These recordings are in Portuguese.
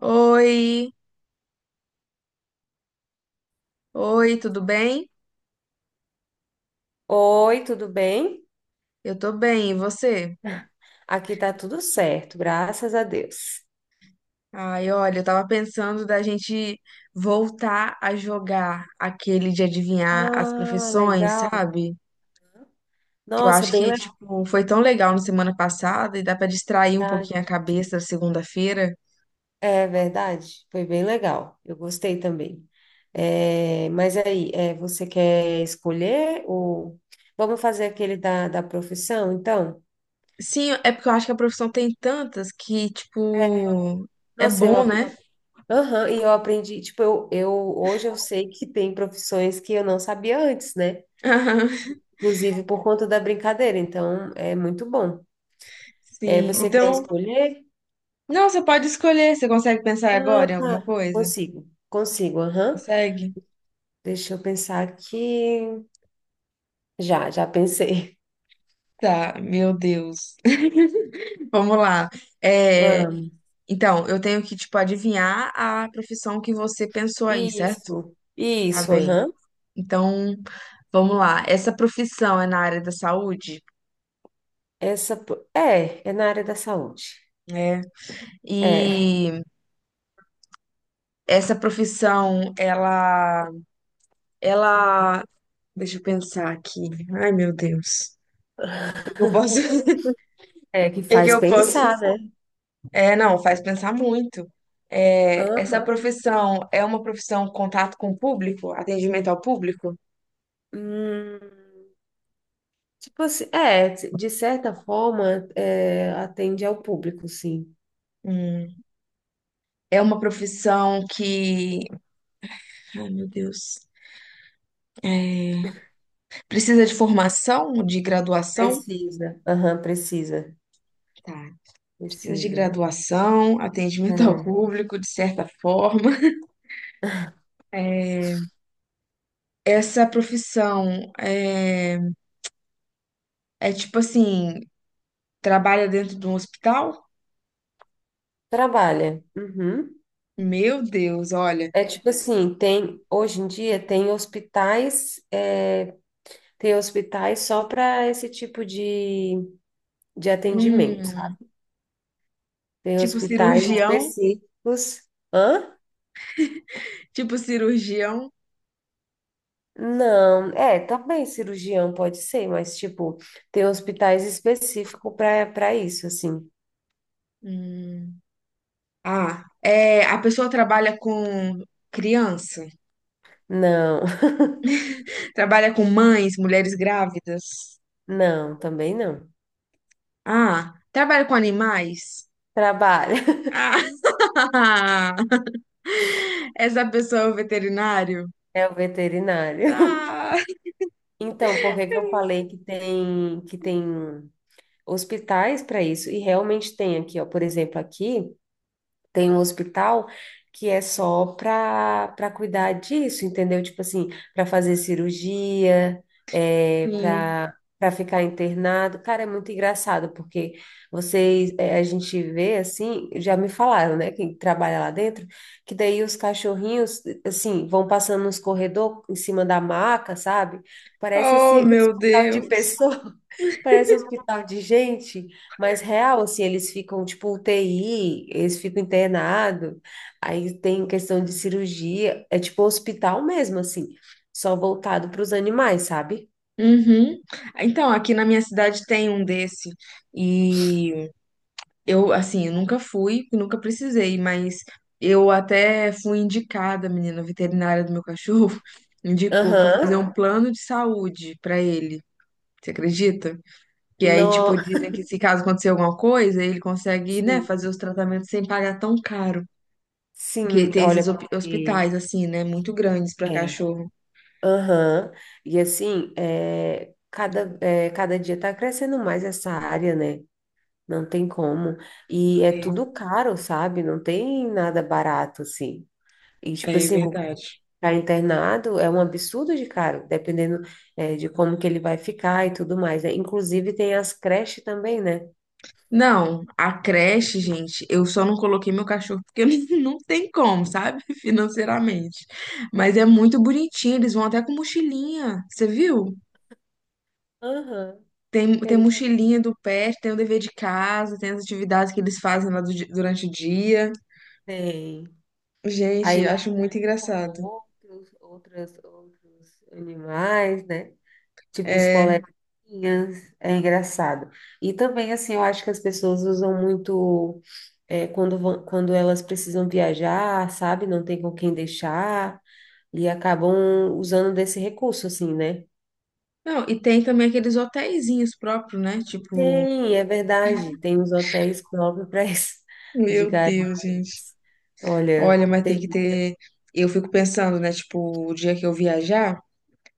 Oi, oi, tudo bem? Oi, tudo bem? Eu tô bem, e você? Aqui tá tudo certo, graças a Deus. Ai, olha, eu tava pensando da gente voltar a jogar aquele de adivinhar as Ah, profissões, legal. sabe? Que eu Nossa, acho bem que, tipo, foi tão legal na semana passada e dá pra distrair um legal. pouquinho a cabeça da segunda-feira. É verdade, foi bem legal. Eu gostei também. É, mas aí, é, você quer escolher ou vamos fazer aquele da profissão, então? Sim, é porque eu acho que a profissão tem tantas que, tipo, é Nossa, bom, né? Aham, e eu aprendi, tipo, eu hoje eu sei que tem profissões que eu não sabia antes, né? Inclusive por conta da brincadeira, então é muito bom. É, Sim. você quer Então, escolher? não, você pode escolher, você consegue pensar Ah, agora em alguma tá. coisa? Consigo, consigo, aham. Consegue? Deixa eu pensar aqui. Já pensei. Tá, meu Deus. Vamos lá. É, Vamos. então, eu tenho que, tipo, adivinhar a profissão que você pensou aí, certo? Isso, Tá isso, bem. aham. Então, vamos lá. Essa profissão é na área da saúde? É, é na área da saúde. É. É, E essa profissão, ela, deixa eu pensar aqui. Ai, meu Deus. O que eu posso? é que O que faz eu posso? pensar, né? É, não, faz pensar muito. É, essa Aham. profissão é uma profissão contato com o público, atendimento ao público? Hum, tipo assim, é, de certa forma, é, atende ao público, sim. Hum, é uma profissão que, ai meu Deus, é, precisa de formação, de graduação? Precisa, aham, precisa, Tá, precisa de precisa. graduação, atendimento ao É. público, de certa forma. É, essa profissão é, é tipo assim, trabalha dentro de um hospital? Trabalha. Uhum. Meu Deus, olha. É tipo assim, tem hoje em dia tem hospitais, é, tem hospitais só para esse tipo de atendimento, Hum, sabe? Tem tipo hospitais cirurgião, específicos. Hã? tipo cirurgião. Não, é, também cirurgião pode ser, mas tipo, tem hospitais específicos para isso, assim. Hum. Ah, é, a pessoa trabalha com criança? Não, Trabalha com mães, mulheres grávidas. não, também não. Ah, trabalha com animais. Trabalha, Ah, essa pessoa é o veterinário. é o veterinário. Ah, Então, por que eu falei que tem hospitais para isso. E realmente tem aqui, ó, por exemplo, aqui tem um hospital que é só para cuidar disso, entendeu? Tipo assim, para fazer cirurgia, é, sim. para ficar internado. Cara, é muito engraçado porque vocês, é, a gente vê assim, já me falaram, né, quem trabalha lá dentro, que daí os cachorrinhos assim vão passando nos corredores em cima da maca, sabe? Parece Oh, assim, meu hospital de Deus. pessoa. Parece hospital de gente. Mas real, assim, eles ficam tipo UTI, eles ficam internados, aí tem questão de cirurgia, é tipo hospital mesmo, assim, só voltado para os animais, sabe? Uhum. Então, aqui na minha cidade tem um desse. E eu, assim, eu nunca fui, nunca precisei, mas eu até fui indicada, menina, a veterinária do meu cachorro indicou pra eu fazer Aham, um plano de saúde pra ele. Você acredita? Que aí, tipo, No... dizem que se caso acontecer alguma coisa, ele consegue, né, Sim, fazer os tratamentos sem pagar tão caro. Porque sim, tem olha, esses hospitais, assim, né, muito grandes pra é, cachorro. aham. E assim, é, cada dia tá crescendo mais essa área, né? Não tem como, e é É, tudo caro, sabe? Não tem nada barato, assim. E, tipo é assim, verdade. para internado é um absurdo de caro, dependendo, de como que ele vai ficar e tudo mais, né? Inclusive tem as creches também, né? Não, a creche, gente, eu só não coloquei meu cachorro porque não tem como, sabe? Financeiramente. Mas é muito bonitinho, eles vão até com mochilinha, você viu? Aham, Tem, tem ele mochilinha do pet, tem o dever de casa, tem as atividades que eles fazem lá durante o dia. tem. Aí Gente, acho muito interage com engraçado. Outros animais, né? Tipo os É. coleguinhas, é engraçado. E também, assim, eu acho que as pessoas usam muito, quando vão, quando elas precisam viajar, sabe? Não tem com quem deixar, e acabam usando desse recurso, assim, né? Não, e tem também aqueles hotelzinhos próprios, né? Tipo, Tem, é verdade. Tem uns hotéis próprios para isso. meu Diga, ai, meu Deus, gente. Deus. Olha, Olha, mas tem que tem. ter. Eu fico pensando, né? Tipo, o dia que eu viajar,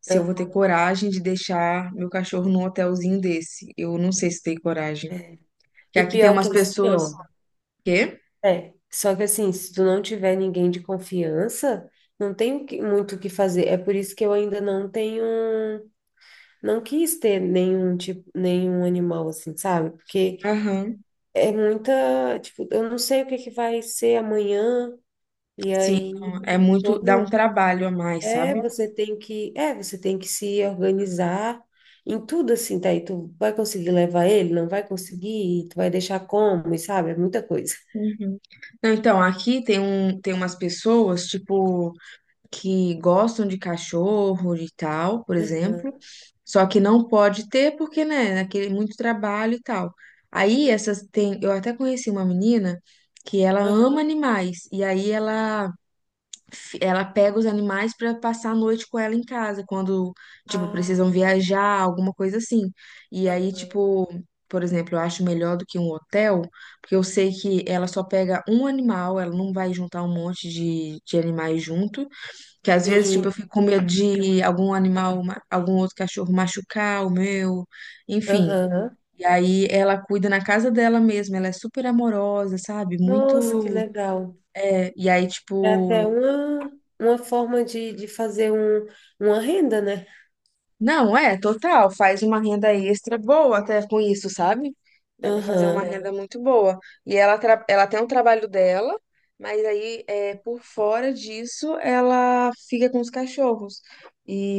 se eu vou ter Aham, coragem de deixar meu cachorro num hotelzinho desse. Eu não sei se tenho coragem. é. Que E aqui tem pior que umas assim, pessoas. ó. Quê? É, só que assim, se tu não tiver ninguém de confiança, não tem muito o que fazer. É por isso que eu ainda não tenho, não quis ter nenhum tipo, nenhum animal assim, sabe? Porque Aham. é muita, tipo, eu não sei o que vai ser amanhã, e Sim, aí não, é muito. todo Dá um um trabalho a mais, É, sabe? você tem que, é, você tem que se organizar em tudo assim, tá? E tu vai conseguir levar ele, não vai conseguir, tu vai deixar como, e sabe? É muita coisa. Uhum. Não, então, aqui tem um, tem umas pessoas, tipo, que gostam de cachorro e tal, por exemplo. Aham, Só que não pode ter porque, né, aquele muito trabalho e tal. Aí essas tem, eu até conheci uma menina que ela aham. ama animais e aí ela pega os animais para passar a noite com ela em casa, quando, tipo, Ah, precisam viajar, alguma coisa assim. E aí, aham. tipo, por exemplo, eu acho melhor do que um hotel, porque eu sei que ela só pega um animal, ela não vai juntar um monte de animais junto, que às vezes, tipo, eu Sim, fico com medo de algum animal, algum outro cachorro machucar o meu, enfim. aham. E aí ela cuida na casa dela mesma, ela é super amorosa, sabe? Nossa, que Muito. legal. É, e aí, É até tipo, uma forma de fazer um, uma renda, né? não, é, total. Faz uma renda extra boa até com isso, sabe? Dá pra fazer uma É. Aham. renda muito boa. E ela, ela tem um trabalho dela, mas aí é, por fora disso ela fica com os cachorros.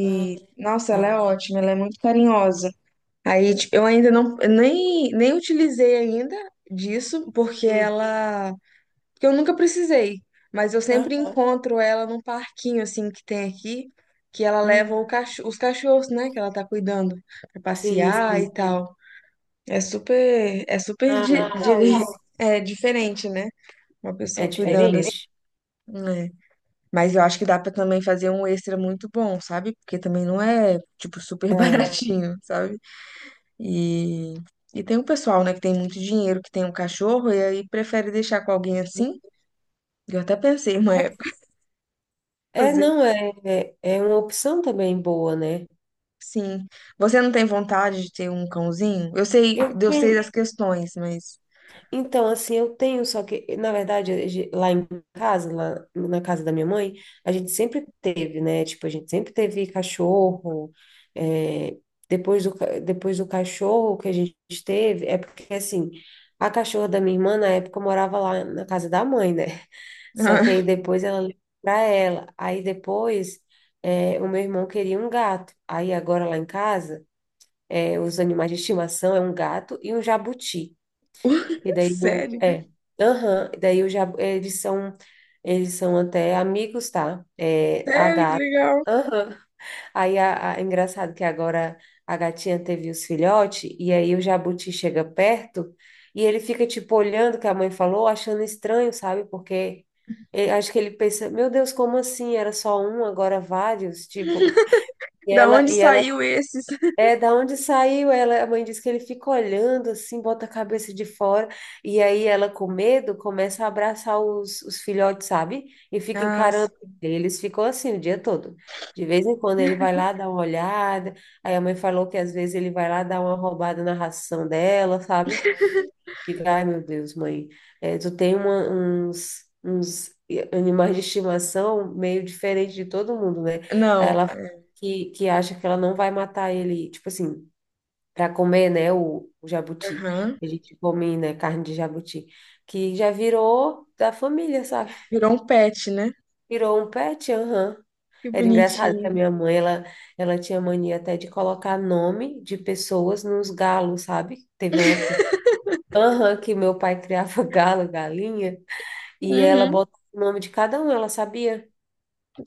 Ah, nossa, ela é legal. ótima, ela é muito carinhosa. Aí, tipo, eu ainda nem utilizei ainda disso, porque Sim. ela porque eu nunca precisei, mas eu sempre Aham. encontro ela num parquinho assim que tem aqui, que ela leva Hum. Os cachorros, né, que ela tá cuidando pra Sim, passear e sim. tal. É super, é super Ah, di- legal dire- isso. é diferente, né? Uma É pessoa É cuidando assim, diferente? diferente, né? Mas eu acho que dá pra também fazer um extra muito bom, sabe? Porque também não é tipo super baratinho, sabe? E E tem um pessoal, né, que tem muito dinheiro, que tem um cachorro e aí prefere deixar com alguém assim. Eu até pensei uma É. época, É, fazer. não, é, é é uma opção também boa, né? Sim. Você não tem vontade de ter um cãozinho? Eu Eu sei tenho, das questões, mas. então, assim, eu tenho, só que, na verdade, lá em casa, lá na casa da minha mãe, a gente sempre teve, né? Tipo, a gente sempre teve cachorro, é, depois depois do cachorro que a gente teve, é porque, assim, a cachorra da minha irmã, na época, morava lá na casa da mãe, né? Só que aí depois ela levou pra ela, aí depois, é, o meu irmão queria um gato, aí agora lá em casa é, os animais de estimação é um gato e um jabuti. E daí Sério? Aham, e daí o jabu, eles são até amigos, tá? É, a Sério, que gata. legal. Aham. Aí é engraçado que agora a gatinha teve os filhotes e aí o jabuti chega perto e ele fica tipo olhando o que a mãe falou, achando estranho, sabe? Porque acho que ele pensa, meu Deus, como assim? Era só um, agora vários, tipo. E Da ela onde e ela saiu esses? é, da onde saiu ela? A mãe disse que ele fica olhando assim, bota a cabeça de fora, e aí ela, com medo, começa a abraçar os filhotes, sabe? E fica Ah, encarando sim, ele. Eles ficam assim o dia todo. De vez em quando ele vai lá dar uma olhada, aí a mãe falou que às vezes ele vai lá dar uma roubada na ração dela, sabe? Fica, ai meu Deus, mãe, é, tu tem uns animais de estimação meio diferente de todo mundo, né? Aí não. ela que acha que ela não vai matar ele, tipo assim para comer, né, o jabuti. Aham. A gente come, né, carne de jabuti, que já virou da família, sabe? Virou um pet, né? Virou um pet, aham. Que Era engraçado que a bonitinho. minha mãe, ela tinha mania até de colocar nome de pessoas nos galos, sabe? Teve uma época, aham, que meu pai criava galo, galinha, e ela Uhum. botava o nome de cada um, ela sabia.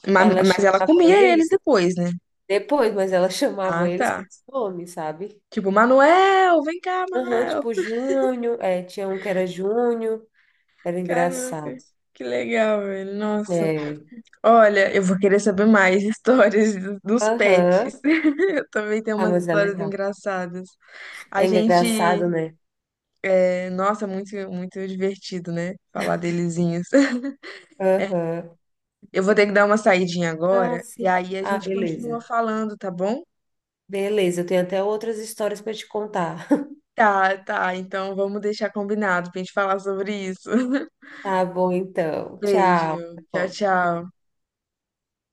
Ma- Ela Mas, ela chamava comia eles eles depois, né? depois, mas ela chamava Ah, eles tá. pelo nome, sabe? Tipo, Manuel, vem cá, Aham, Manuel. tipo Júnior, é, tinha um que era Júnior. Era Caraca, engraçado. que legal, velho. Nossa. É. Olha, eu vou querer saber mais histórias dos Aham. pets. Eu também tenho Ah, umas mas é histórias legal. engraçadas. A É gente, engraçado, né? é, nossa, muito divertido, né? Falar delezinhos. Aham. Eu vou ter que dar uma saidinha Ah, agora e sim. aí a Ah, gente continua beleza. falando, tá bom? Beleza, eu tenho até outras histórias para te contar. Tá, tá. Então vamos deixar combinado pra gente falar sobre isso. Tá bom, então. Tchau. Beijo. Até Tchau, logo. tchau.